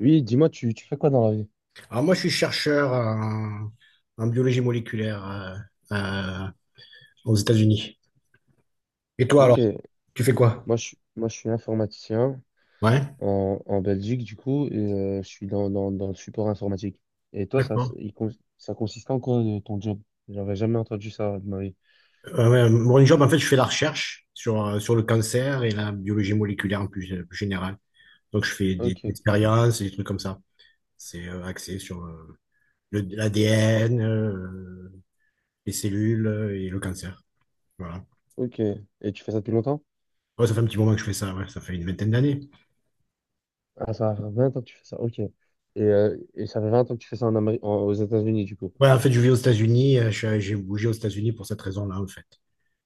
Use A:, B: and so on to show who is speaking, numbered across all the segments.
A: Oui, dis-moi, tu fais quoi dans la vie?
B: Alors moi, je suis chercheur en, en biologie moléculaire euh, aux États-Unis. Et toi
A: Ok,
B: alors, tu fais quoi?
A: moi, je suis informaticien
B: Ouais.
A: en Belgique, du coup, et je suis dans le support informatique. Et toi,
B: D'accord.
A: ça consiste en quoi ton job? J'aurais jamais entendu ça de ma vie.
B: Ouais, mon job, en fait, je fais la recherche sur, sur le cancer et la biologie moléculaire en plus, plus générale. Donc, je fais des
A: Ok,
B: expériences et des trucs comme ça. C'est axé sur l'ADN, les cellules et le cancer. Voilà.
A: ok. Et tu fais ça depuis longtemps?
B: Ouais, ça fait un petit moment que je fais ça, ouais, ça fait une 20aine d'années.
A: Ah, ça fait 20 ans que tu fais ça, ok. Et ça fait 20 ans que tu fais ça en Amérique, aux États-Unis, du coup.
B: Ouais, en fait, je vis aux États-Unis, j'ai bougé aux États-Unis pour cette raison-là, en fait.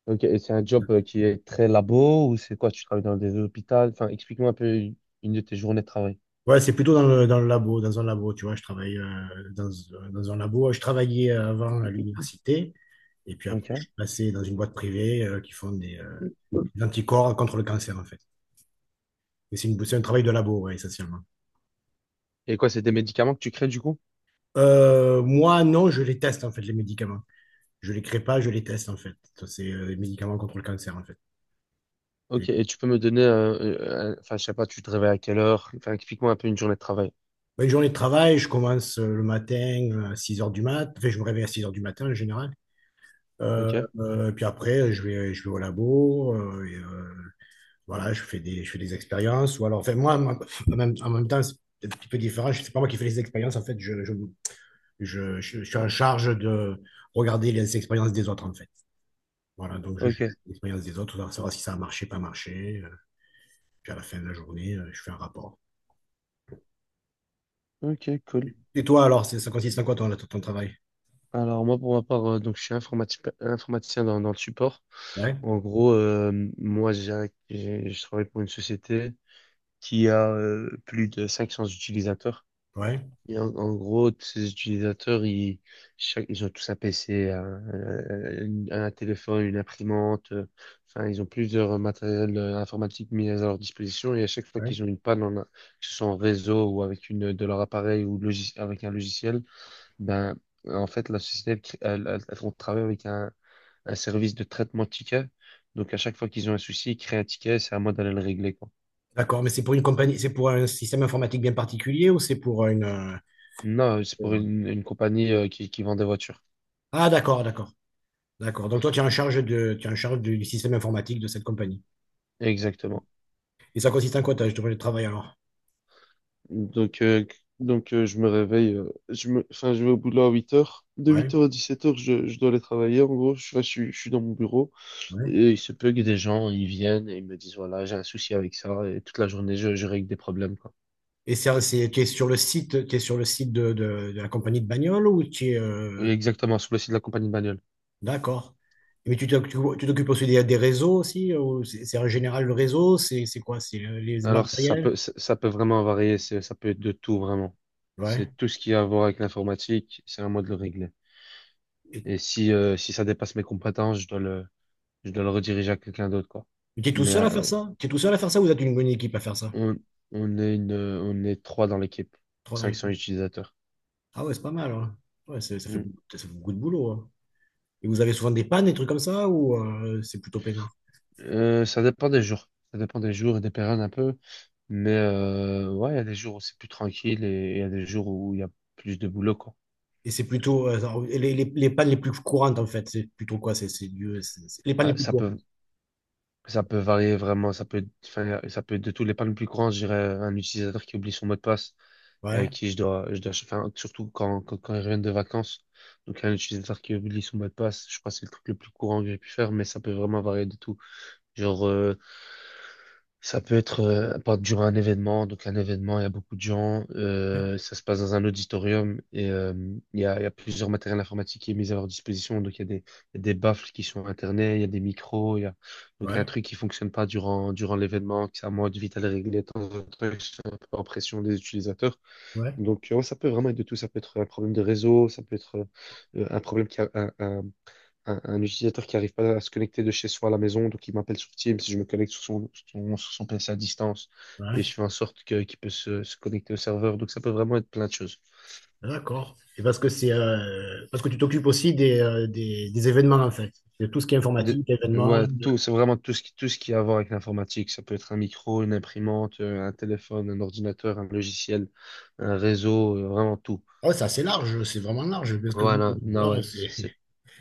A: Ok, et c'est un job qui est très labo ou c'est quoi? Tu travailles dans des hôpitaux? Enfin, explique-moi un peu une de tes journées de travail.
B: Ouais, c'est plutôt dans le labo, dans un labo, tu vois, je travaille dans un labo. Je travaillais avant à l'université, et puis après, je
A: Ok.
B: suis passé dans une boîte privée qui font des anticorps contre le cancer, en fait. Et c'est un travail de labo, ouais, essentiellement.
A: Et quoi, c'est des médicaments que tu crées, du coup?
B: Moi, non, je les teste, en fait, les médicaments. Je les crée pas, je les teste, en fait. C'est les médicaments contre le cancer, en fait. Et
A: Ok, et tu peux me donner, enfin, je sais pas, tu te réveilles à quelle heure? Enfin, explique-moi un peu une journée de travail.
B: une journée de travail, je commence le matin à 6 heures du mat. Enfin, je me réveille à 6 heures du matin, en général. Euh,
A: Ok,
B: puis après, je vais au labo, voilà, je fais des expériences. Ou alors, enfin, en même temps, c'est un petit peu différent. C'est pas moi qui fais les expériences. En fait, je suis en charge de regarder les expériences des autres, en fait. Voilà, donc je juge
A: ok,
B: l'expérience des autres, pour savoir si ça a marché, pas marché. Puis à la fin de la journée, je fais un rapport.
A: ok, cool.
B: Et toi, alors, ça consiste en quoi ton, ton travail?
A: Alors moi, pour ma part, donc je suis informaticien dans le support.
B: Ouais,
A: En gros, moi, je travaille pour une société qui a plus de 500 utilisateurs.
B: ouais,
A: Et en gros, tous ces utilisateurs, ils ont tous un PC, un téléphone, une imprimante. Enfin, ils ont plusieurs matériels informatiques mis à leur disposition. Et à chaque fois
B: ouais.
A: qu'ils ont une panne, en que ce soit en réseau ou avec une, de leur appareil ou logis- avec un logiciel, ben, en fait, la société, elle, crée- elle, elle- elle- on travaille avec un service de traitement de tickets. Donc, à chaque fois qu'ils ont un souci, ils créent un ticket. C'est à moi d'aller le régler, quoi.
B: D'accord, mais c'est pour une compagnie, c'est pour un système informatique bien particulier ou c'est pour
A: Non, c'est pour
B: pour-
A: une compagnie, qui vend des voitures.
B: Ah, d'accord. Donc toi, tu es en charge du système informatique de cette compagnie.
A: Exactement.
B: Et ça consiste en quoi, ton projet de travail alors?
A: Donc, euh, donc, je me réveille, je vais au boulot à 8h. De
B: Ouais,
A: 8h à 17h, je dois aller travailler. En gros, je suis dans mon bureau
B: ouais.
A: et il se peut que des gens, ils viennent et ils me disent, voilà, j'ai un souci avec ça et toute la journée, je règle des problèmes, quoi.
B: Et ça, c'est, tu es sur le site de la compagnie de bagnole ou tu es,
A: Oui, exactement, sur le site de la compagnie de bagnole.
B: d'accord. Mais tu t'oc- tu t'occupes aussi des réseaux aussi, ou c'est en général le réseau, c'est quoi? Les
A: Alors,
B: matériels?
A: ça peut vraiment varier, ça peut être de tout, vraiment.
B: Ouais.
A: C'est tout ce qui a à voir avec l'informatique, c'est à moi de le régler.
B: Et,
A: Et si ça dépasse mes compétences, je dois le rediriger à quelqu'un d'autre, quoi.
B: mais tu es tout
A: Mais,
B: seul à faire
A: euh,
B: ça? Tu es tout seul à faire ça ou tu as une bonne équipe à faire ça?
A: On, on est trois dans l'équipe,
B: Trois dans
A: 500
B: l'équipe.
A: utilisateurs.
B: Ah ouais, c'est pas mal, hein. Ouais,
A: Mm.
B: ça fait beaucoup de boulot, hein. Et vous avez souvent des pannes, des trucs comme ça, ou c'est plutôt peinard?
A: Ça dépend des jours. Ça dépend des jours et des périodes un peu. Mais, ouais, il y a des jours où c'est plus tranquille et il y a des jours où il y a plus de boulot, quoi.
B: Et c'est plutôt les, les pannes les plus courantes, en fait. C'est plutôt quoi? C'est du- c'est- Les pannes
A: Ah,
B: les plus
A: ça peut,
B: courantes.
A: ça peut varier vraiment. Ça peut être de tous les pas le plus grand, je dirais, un utilisateur qui oublie son mot de passe et
B: Ouais,
A: avec qui surtout quand ils reviennent de vacances. Donc, un utilisateur qui oublie son mot de passe, je crois que c'est le truc le plus courant que j'ai pu faire, mais ça peut vraiment varier de tout. Genre, ça peut être pas durant un événement. Donc, un événement, il y a beaucoup de gens.
B: ouais,
A: Ça se passe dans un auditorium et il y a plusieurs matériels informatiques qui est mis à leur disposition. Donc, il y a des baffles qui sont internet il y a des micros. Il y a. Donc, il y a un
B: ouais,
A: truc qui fonctionne pas durant l'événement, que c'est à moi de vite aller régler de temps en temps. Que Je suis un peu en pression des utilisateurs.
B: ouais,
A: Donc, ouais, ça peut vraiment être de tout. Ça peut être un problème de réseau, ça peut être un problème qui a, un utilisateur qui n'arrive pas à se connecter de chez soi à la maison, donc il m'appelle sur Teams, je me connecte sur son PC à distance et je
B: ouais.
A: fais en sorte que, qu'il peut se connecter au serveur. Donc ça peut vraiment être plein de choses.
B: D'accord. Et parce que c'est parce que tu t'occupes aussi des, des événements, en fait. De tout ce qui est
A: De-
B: informatique,
A: ouais, tout, c'est vraiment tout ce qui a à voir avec l'informatique. Ça peut être un micro, une imprimante, un téléphone, un ordinateur, un logiciel, un réseau, vraiment tout.
B: Ah ouais, c'est assez large, c'est vraiment large. Parce que
A: Voilà, non, ouais,
B: ouais, c'est-
A: c'est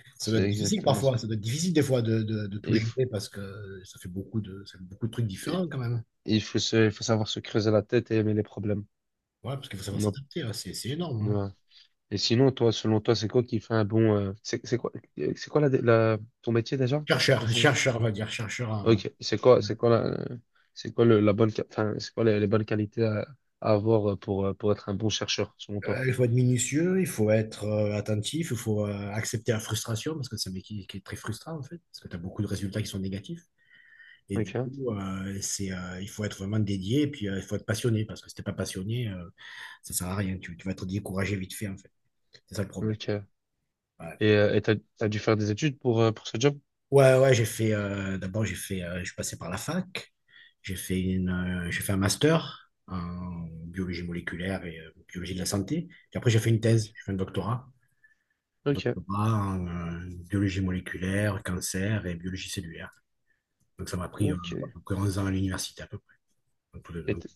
B: ça doit
A: c'est
B: être difficile
A: exactement ça.
B: parfois. Ça doit être difficile des fois de tout
A: Il faut,
B: gérer parce que ça fait beaucoup de trucs différents quand même.
A: il faut savoir se creuser la tête et aimer les problèmes.
B: Ouais, parce qu'il faut savoir
A: Non,
B: s'adapter, hein, c'est énorme, hein.
A: et sinon, toi, selon toi, c'est quoi qui fait c'est quoi, c'est quoi ton métier déjà? Enfin.
B: On va dire, chercheur, hein.
A: Ok, c'est quoi la, c'est quoi le- la bonne, qua- enfin, c'est quoi les bonnes qualités à avoir pour être un bon chercheur, selon toi?
B: Il faut être minutieux, il faut être attentif, il faut accepter la frustration, parce que c'est un métier qui, est très frustrant, en fait, parce que tu as beaucoup de résultats qui sont négatifs. Et du
A: Ok,
B: coup, il faut être vraiment dédié, et puis il faut être passionné, parce que si t'es pas passionné, ça sert à rien. Tu vas être découragé vite fait, en fait. C'est ça le problème.
A: ok.
B: Ouais,
A: Et t'as dû faire des études pour ce job?
B: ouais, j'ai fait, d'abord, j'ai fait, je suis passé par la fac, j'ai fait un master en biologie moléculaire et biologie de la santé, et après, j'ai fait une
A: Ok,
B: thèse, j'ai fait un doctorat.
A: ok,
B: Doctorat en biologie moléculaire, cancer et biologie cellulaire. Donc ça m'a pris à
A: ok.
B: peu près 11 ans à l'université à peu près. Donc, tout
A: Et
B: donc,
A: t-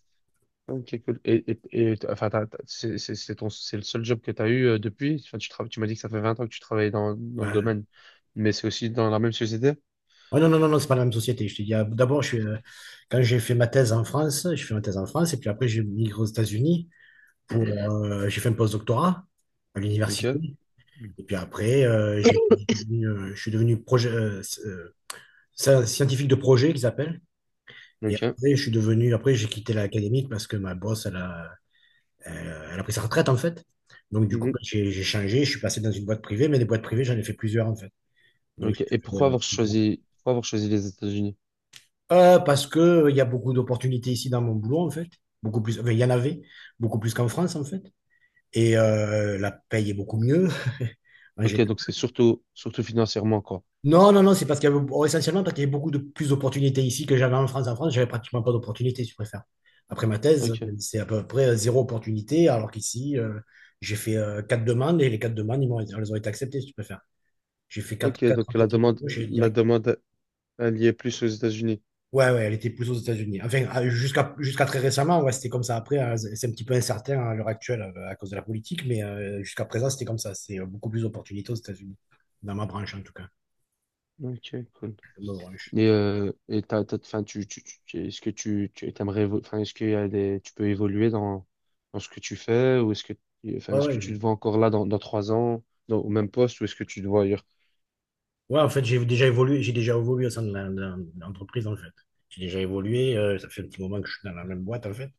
A: ok, cool. C'est le seul job que tu as eu depuis? Enfin, tu m'as dit que ça fait 20 ans que tu travailles dans le
B: ouais.
A: domaine, mais c'est aussi dans la même société?
B: Ouais, non, c'est pas la même société. Je te dis, d'abord, quand j'ai fait ma thèse en France, je fais ma thèse en France et puis après j'ai migré aux États-Unis pour, j'ai fait un post-doctorat à l'université.
A: Ok.
B: Et puis après, je suis devenu projet, scientifique de projet qu'ils appellent. Et
A: Ok.
B: après, je suis devenu, après, j'ai quitté l'académique parce que ma boss, elle a elle, elle a pris sa retraite en fait. Donc du coup,
A: Mhm.
B: bah, j'ai changé, je suis passé dans une boîte privée, mais des boîtes privées, j'en ai fait plusieurs en fait. Donc,
A: Ok. Et pourquoi
B: euh,
A: avoir choisi, pourquoi avoir choisi les États-Unis?
B: Parce que il y a beaucoup d'opportunités ici dans mon boulot en fait, beaucoup plus, enfin, il y en avait, beaucoup plus qu'en France en fait. Et la paye est beaucoup mieux en
A: Ok,
B: général.
A: donc c'est surtout financièrement, quoi.
B: Non, c'est parce qu'il y avait, oh, essentiellement parce qu'il y avait beaucoup de plus d'opportunités ici que j'avais en France. En France, j'avais pratiquement pas d'opportunités, si tu préfères. Après ma thèse,
A: Ok.
B: c'est à peu près zéro opportunité, alors qu'ici, j'ai fait 4 demandes et les 4 demandes, elles ont été acceptées, si tu préfères. J'ai fait
A: Ok,
B: quatre
A: donc la
B: entretiens
A: demande,
B: d'embauche et
A: la
B: direct.
A: demande, elle y est plus aux États-Unis.
B: Ouais, elle était plus aux États-Unis. Enfin, jusqu'à très récemment, ouais, c'était comme ça. Après, hein, c'est un petit peu incertain à l'heure actuelle à cause de la politique, mais jusqu'à présent, c'était comme ça. C'est beaucoup plus d'opportunités aux États-Unis, dans ma branche en tout cas,
A: Ok, cool.
B: dans ma branche.
A: Et tu t'aimerais, évo- enfin, est-ce qu'il y a des, tu peux évoluer dans ce que tu fais, ou
B: Ouais,
A: est-ce que
B: ouais.
A: tu te vois encore là dans 3 ans, au même poste, ou est-ce que tu te vois ailleurs?
B: Ouais, en fait, j'ai déjà évolué au sein de l'entreprise, en fait. J'ai déjà évolué, ça fait un petit moment que je suis dans la même boîte, en fait,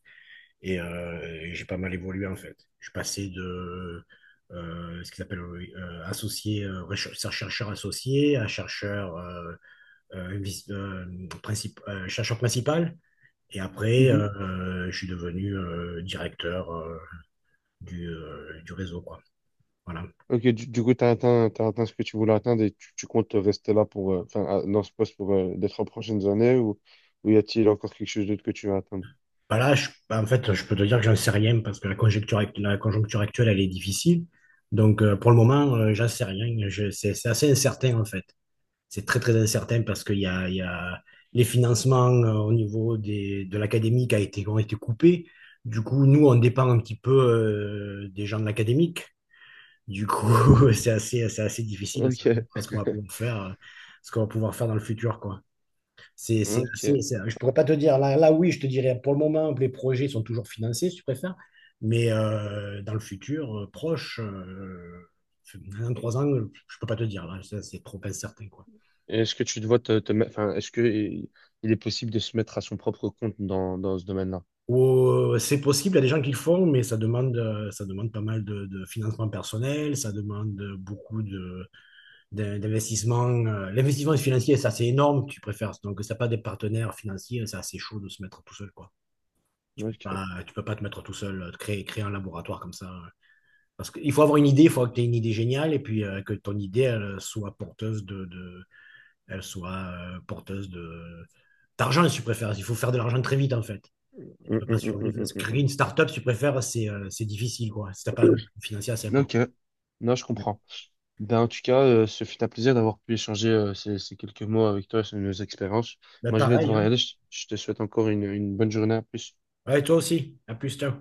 B: et j'ai pas mal évolué, en fait. Je suis passé de ce qu'ils appellent associé, chercheur associé à chercheur, euh, vice- euh, chercheur principal, et après, je suis devenu directeur du réseau, quoi. Voilà.
A: Ok, du coup, t'as atteint ce que tu voulais atteindre et tu comptes rester là dans ce poste pour les 3 prochaines années ou y a-t-il encore quelque chose d'autre que tu veux atteindre?
B: Bah, en fait, je peux te dire que j'en sais rien parce que la conjoncture actuelle, elle est difficile. Donc, pour le moment, j'en sais rien. C'est assez incertain, en fait. C'est très incertain parce qu'il y a les financements au niveau des, de l'académique a été, ont été coupés. Du coup, nous, on dépend un petit peu des gens de l'académique. Du coup, c'est assez difficile de savoir
A: Ok,
B: ce qu'on va pouvoir faire, ce qu'on va pouvoir faire dans le futur, quoi.
A: ok.
B: Je pourrais pas te dire, là, là oui, je te dirais, pour le moment, les projets sont toujours financés, si tu préfères, mais dans le futur, proche, dans 3 ans, je peux pas te dire, là, ça, c'est trop incertain, quoi.
A: Et est-ce que tu te vois te, te mettre, enfin, est-ce que il est possible de se mettre à son propre compte dans ce domaine-là?
B: Ou, c'est possible, il y a des gens qui le font, mais ça demande pas mal de financement personnel, ça demande beaucoup de, d'investissement. L'investissement financier, ça, c'est énorme, tu préfères. Donc, si t'as pas des partenaires financiers, c'est assez chaud de se mettre tout seul, quoi.
A: Ok.
B: Tu peux pas te mettre tout seul, créer un laboratoire comme ça. Parce qu'il faut avoir une idée, il faut que tu aies une idée géniale et puis que ton idée, elle soit porteuse elle soit porteuse de d'argent, si tu préfères. Il faut faire de l'argent très vite, en fait. Tu
A: Hum,
B: peux pas
A: hum, hum,
B: survivre.
A: hum,
B: Parce que
A: hum,
B: créer
A: hum,
B: une start-up, si tu préfères, c'est difficile, quoi. Si t'as pas un financier assez important.
A: Ok. Non, je
B: Mais,
A: comprends. Ben, en tout cas, ce fut un plaisir d'avoir pu échanger ces quelques mots avec toi sur nos expériences.
B: mais
A: Moi, je vais
B: pareil,
A: devoir y
B: hein.
A: aller. Je te souhaite encore une bonne journée. À plus.
B: Ouais, toi aussi. À plus, ciao.